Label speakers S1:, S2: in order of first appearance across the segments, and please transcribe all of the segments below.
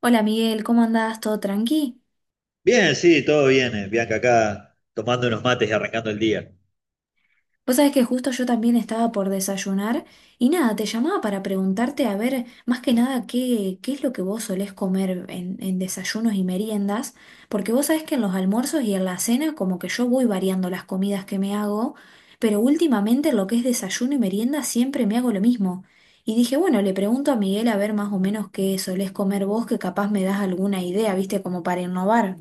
S1: Hola Miguel, ¿cómo andás? ¿Todo tranqui?
S2: Bien, sí, todo bien, Bianca, acá tomando unos mates y arrancando el día.
S1: Vos sabés que justo yo también estaba por desayunar y nada, te llamaba para preguntarte a ver más que nada qué es lo que vos solés comer en desayunos y meriendas, porque vos sabés que en los almuerzos y en la cena como que yo voy variando las comidas que me hago, pero últimamente en lo que es desayuno y merienda siempre me hago lo mismo. Y dije, bueno, le pregunto a Miguel a ver más o menos qué solés comer vos, que capaz me das alguna idea, viste, como para innovar.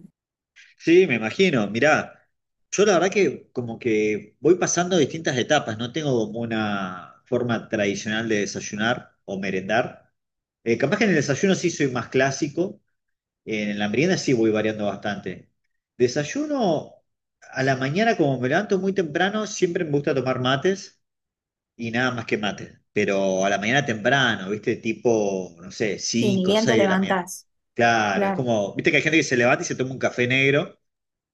S2: Sí, me imagino, mirá, yo la verdad que como que voy pasando distintas etapas, no tengo como una forma tradicional de desayunar o merendar. Capaz que en el desayuno sí soy más clásico, en la merienda sí voy variando bastante. Desayuno a la mañana, como me levanto muy temprano, siempre me gusta tomar mates. Y nada más que mate. Pero a la mañana temprano, ¿viste? Tipo, no sé,
S1: Sí, ni
S2: 5 o
S1: bien te
S2: 6 de la mañana.
S1: levantás.
S2: Claro, es
S1: Claro.
S2: como, ¿viste que hay gente que se levanta y se toma un café negro?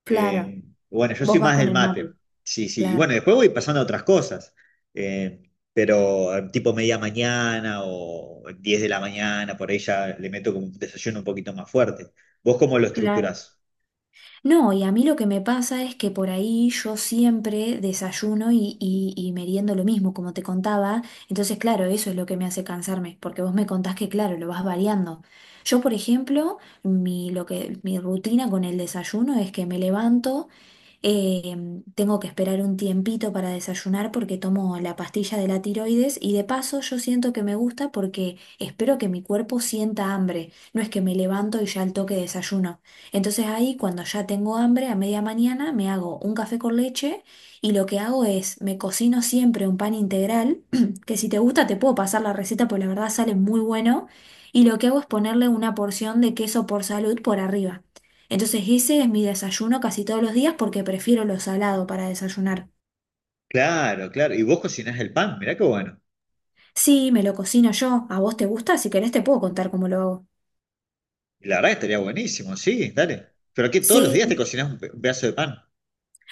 S1: Claro.
S2: Eh, bueno, yo soy
S1: Vos vas
S2: más
S1: con
S2: del
S1: el
S2: mate.
S1: mate,
S2: Sí, sí. Y
S1: claro,
S2: bueno, después voy pasando a otras cosas. Pero tipo media mañana o 10 de la mañana, por ahí ya le meto como un desayuno un poquito más fuerte. ¿Vos cómo lo
S1: claro.
S2: estructurás?
S1: No, y a mí lo que me pasa es que por ahí yo siempre desayuno y meriendo lo mismo, como te contaba. Entonces, claro, eso es lo que me hace cansarme, porque vos me contás que, claro, lo vas variando. Yo, por ejemplo, mi rutina con el desayuno es que me levanto. Eh, Tengo que esperar un tiempito para desayunar porque tomo la pastilla de la tiroides y de paso yo siento que me gusta porque espero que mi cuerpo sienta hambre, no es que me levanto y ya al toque desayuno. Entonces ahí cuando ya tengo hambre a media mañana me hago un café con leche y lo que hago es me cocino siempre un pan integral, que si te gusta te puedo pasar la receta porque la verdad sale muy bueno y lo que hago es ponerle una porción de queso por salud por arriba. Entonces ese es mi desayuno casi todos los días porque prefiero lo salado para desayunar.
S2: Claro, claro. Y vos cocinás el pan, mirá qué bueno.
S1: Sí, me lo cocino yo. ¿A vos te gusta? Si querés te puedo contar cómo lo hago.
S2: La verdad que estaría buenísimo, sí, dale. Pero que todos los
S1: Sí,
S2: días te cocinas un pedazo de pan.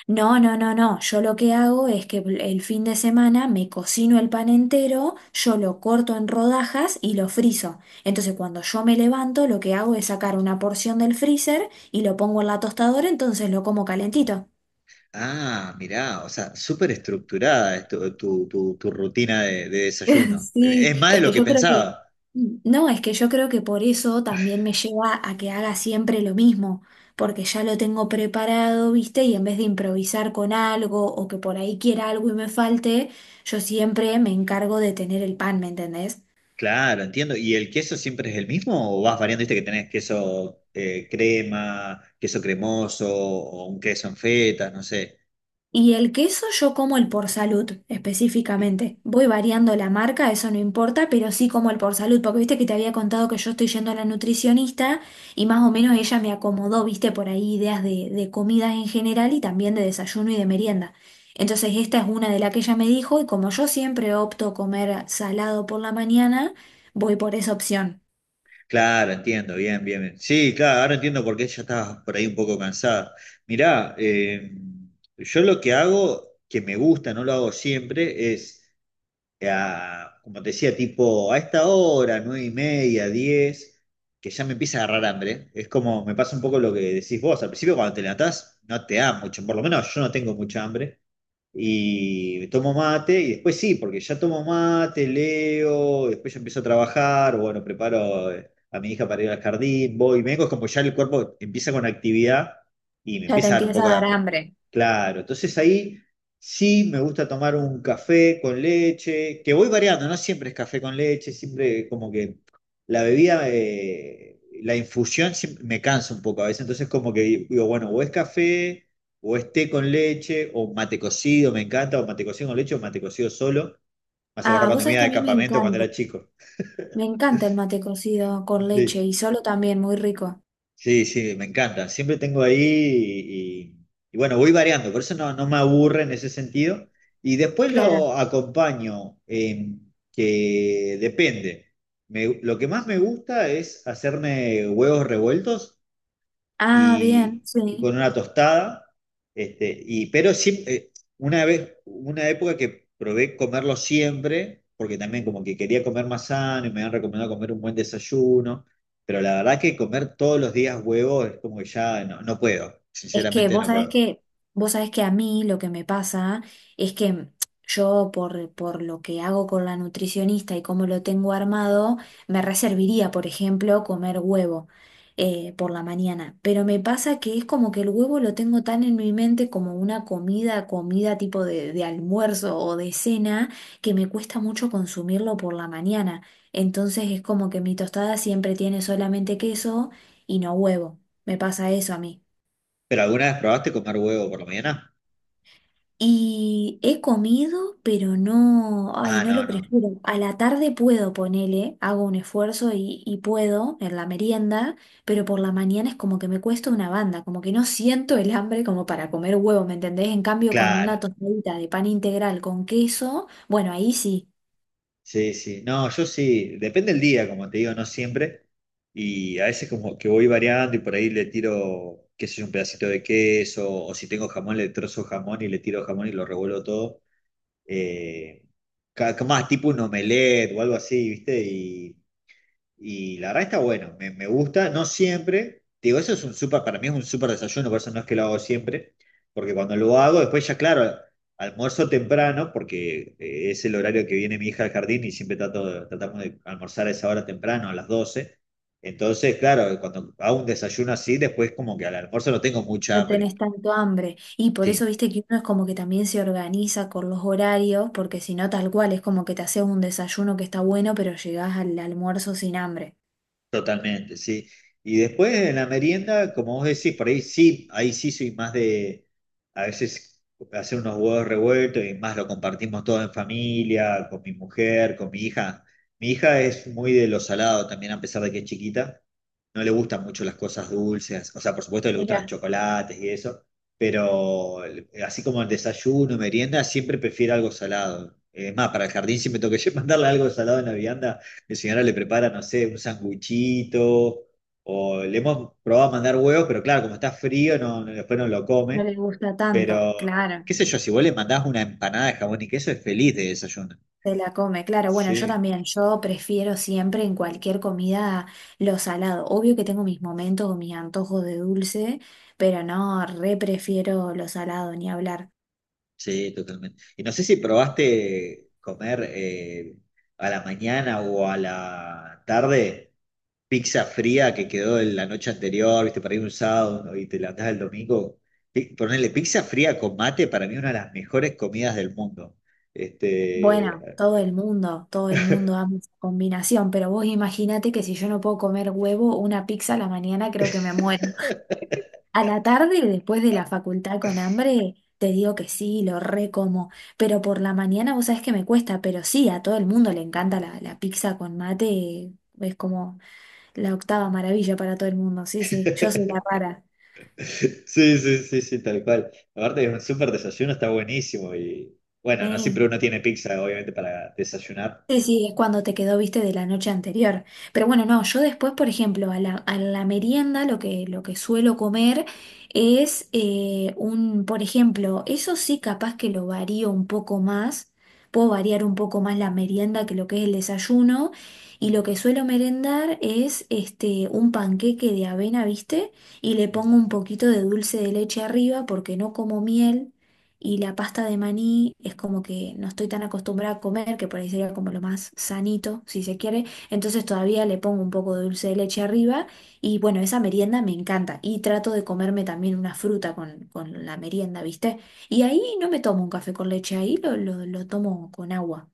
S1: no, no, no, no. Yo lo que hago es que el fin de semana me cocino el pan entero, yo lo corto en rodajas y lo frizo. Entonces cuando yo me levanto, lo que hago es sacar una porción del freezer y lo pongo en la tostadora, entonces lo como calentito.
S2: Ah, mirá, o sea, súper estructurada es tu rutina de desayuno. Es
S1: Sí,
S2: más de
S1: es que
S2: lo que
S1: yo creo que,
S2: pensaba.
S1: no, es que yo creo que por eso también me lleva a que haga siempre lo mismo, porque ya lo tengo preparado, ¿viste? Y en vez de improvisar con algo o que por ahí quiera algo y me falte, yo siempre me encargo de tener el pan, ¿me entendés?
S2: Claro, entiendo. ¿Y el queso siempre es el mismo o vas variando? Viste que tenés queso crema, queso cremoso o un queso en feta, no sé.
S1: Y el queso yo como el por salud específicamente. Voy variando la marca, eso no importa, pero sí como el por salud, porque viste que te había contado que yo estoy yendo a la nutricionista y más o menos ella me acomodó, viste, por ahí ideas de comidas en general y también de desayuno y de merienda. Entonces esta es una de las que ella me dijo y como yo siempre opto comer salado por la mañana, voy por esa opción.
S2: Claro, entiendo, bien, bien, bien. Sí, claro, ahora entiendo por qué ella estaba por ahí un poco cansada. Mirá, yo lo que hago, que me gusta, no lo hago siempre, es, como te decía, tipo a esta hora, nueve y media, diez, que ya me empieza a agarrar hambre. Es como, me pasa un poco lo que decís vos, al principio cuando te levantás no te da mucho, por lo menos yo no tengo mucha hambre y tomo mate, y después sí, porque ya tomo mate, leo, después ya empiezo a trabajar, bueno, preparo a mi hija para ir al jardín, voy, me vengo, es como ya el cuerpo empieza con actividad y me
S1: Ya te
S2: empieza a dar un
S1: empieza
S2: poco
S1: a
S2: de
S1: dar
S2: hambre.
S1: hambre.
S2: Claro, entonces ahí sí me gusta tomar un café con leche, que voy variando, no siempre es café con leche, siempre como que la bebida... La infusión siempre me cansa un poco a veces, entonces como que digo, bueno, o es café, o es té con leche, o mate cocido, me encanta, o mate cocido con leche, o mate cocido solo. Me hace acordar
S1: Ah, vos
S2: cuando me
S1: sabés
S2: iba
S1: que a
S2: de
S1: mí
S2: campamento cuando era chico.
S1: me encanta el mate cocido con leche
S2: Sí,
S1: y solo también, muy rico.
S2: sí, sí, me encanta. Siempre tengo ahí y bueno, voy variando, por eso no, no me aburre en ese sentido. Y después
S1: Claro.
S2: lo acompaño, que depende. Lo que más me gusta es hacerme huevos revueltos
S1: Ah, bien,
S2: y
S1: sí.
S2: con una tostada. Este, y, pero siempre, una vez, una época que probé comerlo siempre, porque también como que quería comer más sano y me han recomendado comer un buen desayuno, pero la verdad que comer todos los días huevo es como que ya no, no puedo,
S1: Es que
S2: sinceramente
S1: vos
S2: no
S1: sabés
S2: puedo.
S1: que, vos sabés que a mí lo que me pasa es que yo por lo que hago con la nutricionista y cómo lo tengo armado, me reservaría, por ejemplo, comer huevo por la mañana. Pero me pasa que es como que el huevo lo tengo tan en mi mente como una comida, comida tipo de almuerzo o de cena, que me cuesta mucho consumirlo por la mañana. Entonces es como que mi tostada siempre tiene solamente queso y no huevo. Me pasa eso a mí.
S2: ¿Pero alguna vez probaste comer huevo por la mañana?
S1: Y he comido, pero no, ay,
S2: Ah,
S1: no
S2: no,
S1: lo
S2: no,
S1: prefiero. A la tarde puedo ponerle, hago un esfuerzo y puedo en la merienda, pero por la mañana es como que me cuesta una banda, como que no siento el hambre como para comer huevo, ¿me entendés? En cambio, con
S2: claro.
S1: una tostadita de pan integral con queso, bueno, ahí sí,
S2: Sí, sí, no, yo sí, depende del día, como te digo, no siempre, y a veces como que voy variando y por ahí le tiro, qué sé yo, un pedacito de queso, o si tengo jamón, le trozo jamón y le tiro jamón y lo revuelvo todo, eh, más tipo un omelette o algo así, ¿viste? Y la verdad está bueno, me gusta, no siempre. Te digo, eso es un súper, para mí es un súper desayuno, por eso no es que lo hago siempre, porque cuando lo hago, después ya, claro, almuerzo temprano, porque es el horario que viene mi hija al jardín y siempre trato, tratamos de almorzar a esa hora temprano, a las doce. Entonces, claro, cuando hago un desayuno así, después como que al almuerzo no tengo mucha
S1: no
S2: hambre.
S1: tenés tanto hambre. Y por eso,
S2: Sí,
S1: viste que uno es como que también se organiza con los horarios, porque si no, tal cual, es como que te haces un desayuno que está bueno, pero llegás al almuerzo sin hambre.
S2: totalmente, sí. Y después en la merienda, como vos decís, por ahí sí soy más de a veces hacer unos huevos revueltos y más lo compartimos todo en familia, con mi mujer, con mi hija. Mi hija es muy de lo salado también, a pesar de que es chiquita. No le gustan mucho las cosas dulces, o sea, por supuesto que le gustan los chocolates y eso, pero así como el desayuno, merienda, siempre prefiere algo salado. Es más, para el jardín siempre tengo que mandarle algo salado en la vianda. Mi señora le prepara, no sé, un sanguchito, o le hemos probado a mandar huevos, pero claro, como está frío, después no lo
S1: No
S2: come.
S1: les gusta tanto,
S2: Pero,
S1: claro,
S2: qué sé yo, si vos le mandás una empanada de jamón y queso, es feliz de desayuno.
S1: se la come, claro. Bueno, yo
S2: Sí,
S1: también, yo prefiero siempre en cualquier comida lo salado. Obvio que tengo mis momentos o mis antojos de dulce, pero no, re prefiero lo salado, ni hablar.
S2: sí, totalmente. Y no sé si probaste comer a la mañana o a la tarde, pizza fría que quedó de la noche anterior, viste, para ir un sábado, ¿no? Y te la levantás el domingo. Ponerle pizza fría con mate para mí es una de las mejores comidas del mundo. Este,
S1: Bueno, todo el mundo ama esa combinación, pero vos imagínate que si yo no puedo comer huevo, una pizza a la mañana creo que me muero. A la tarde, después de la facultad con hambre, te digo que sí, lo recomo. Pero por la mañana, vos sabés que me cuesta, pero sí, a todo el mundo le encanta la pizza con mate. Es como la octava maravilla para todo el mundo. Sí, sí, yo soy la rara.
S2: sí, sí, sí, sí, tal cual. Aparte es un súper desayuno, está buenísimo y bueno, no
S1: Sí.
S2: siempre uno tiene pizza, obviamente, para desayunar.
S1: Sí, sí, es cuando te quedó, viste, de la noche anterior. Pero bueno, no, yo después, por ejemplo, a a la merienda lo que suelo comer es por ejemplo, eso sí capaz que lo varío un poco más, puedo variar un poco más la merienda que lo que es el desayuno, y lo que suelo merendar es este, un panqueque de avena, viste, y le pongo un poquito de dulce de leche arriba porque no como miel. Y la pasta de maní es como que no estoy tan acostumbrada a comer, que por ahí sería como lo más sanito, si se quiere. Entonces todavía le pongo un poco de dulce de leche arriba. Y bueno, esa merienda me encanta. Y trato de comerme también una fruta con la merienda, ¿viste? Y ahí no me tomo un café con leche, ahí lo tomo con agua,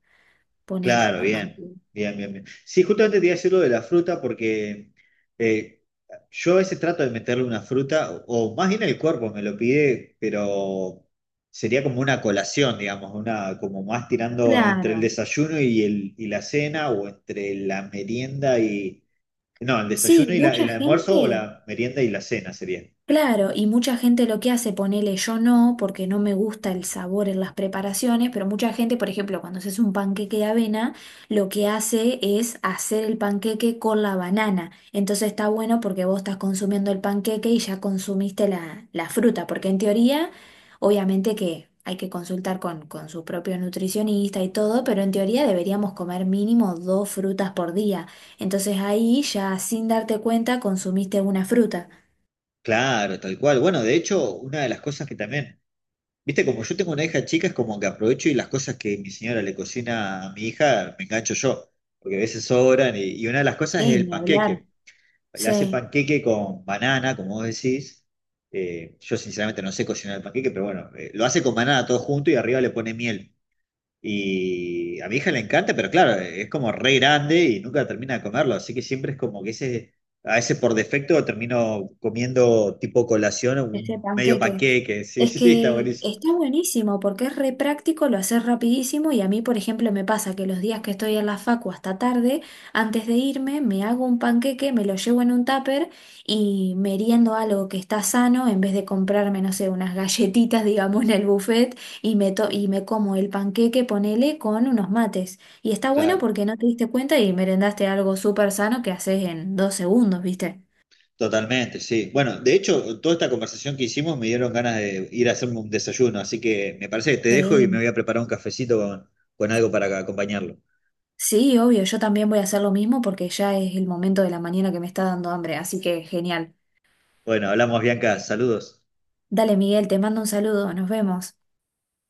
S1: ponele.
S2: Claro, bien, bien, bien. Sí, justamente te iba a decir lo de la fruta porque eh, yo a veces trato de meterle una fruta, o más bien el cuerpo me lo pide, pero sería como una colación, digamos, una, como más tirando entre el
S1: Claro.
S2: desayuno y, el, y la cena, o entre la merienda y... No, el
S1: Sí,
S2: desayuno y
S1: mucha
S2: el almuerzo o
S1: gente.
S2: la merienda y la cena sería.
S1: Claro, y mucha gente lo que hace, ponele yo no, porque no me gusta el sabor en las preparaciones, pero mucha gente, por ejemplo, cuando haces un panqueque de avena, lo que hace es hacer el panqueque con la banana. Entonces está bueno porque vos estás consumiendo el panqueque y ya consumiste la fruta, porque en teoría, obviamente que hay que consultar con su propio nutricionista y todo, pero en teoría deberíamos comer mínimo dos frutas por día. Entonces ahí ya sin darte cuenta consumiste una fruta.
S2: Claro, tal cual. Bueno, de hecho, una de las cosas que también, viste, como yo tengo una hija chica, es como que aprovecho y las cosas que mi señora le cocina a mi hija, me engancho yo, porque a veces sobran. Y una de las cosas es
S1: Sí,
S2: el
S1: ni hablar.
S2: panqueque. Le hace
S1: Sí,
S2: panqueque con banana, como vos decís. Yo sinceramente no sé cocinar el panqueque, pero bueno, lo hace con banana todo junto y arriba le pone miel. Y a mi hija le encanta, pero claro, es como re grande y nunca termina de comerlo. Así que siempre es como que ese, a ese por defecto termino comiendo tipo colación
S1: ese
S2: un medio
S1: panqueque.
S2: panqueque. Sí,
S1: Es
S2: sí, está
S1: que
S2: buenísimo.
S1: está buenísimo porque es re práctico, lo haces rapidísimo y a mí, por ejemplo, me pasa que los días que estoy en la facu hasta tarde, antes de irme, me hago un panqueque, me lo llevo en un tupper y meriendo algo que está sano en vez de comprarme, no sé, unas galletitas, digamos, en el buffet y me como el panqueque, ponele, con unos mates. Y está bueno
S2: Claro.
S1: porque no te diste cuenta y merendaste algo súper sano que haces en 2 segundos, ¿viste?
S2: Totalmente, sí. Bueno, de hecho, toda esta conversación que hicimos me dieron ganas de ir a hacerme un desayuno, así que me parece que te dejo y me voy
S1: Sí.
S2: a preparar un cafecito con algo para acompañarlo.
S1: Sí, obvio, yo también voy a hacer lo mismo porque ya es el momento de la mañana que me está dando hambre, así que genial.
S2: Bueno, hablamos, Bianca, saludos.
S1: Dale, Miguel, te mando un saludo, nos vemos.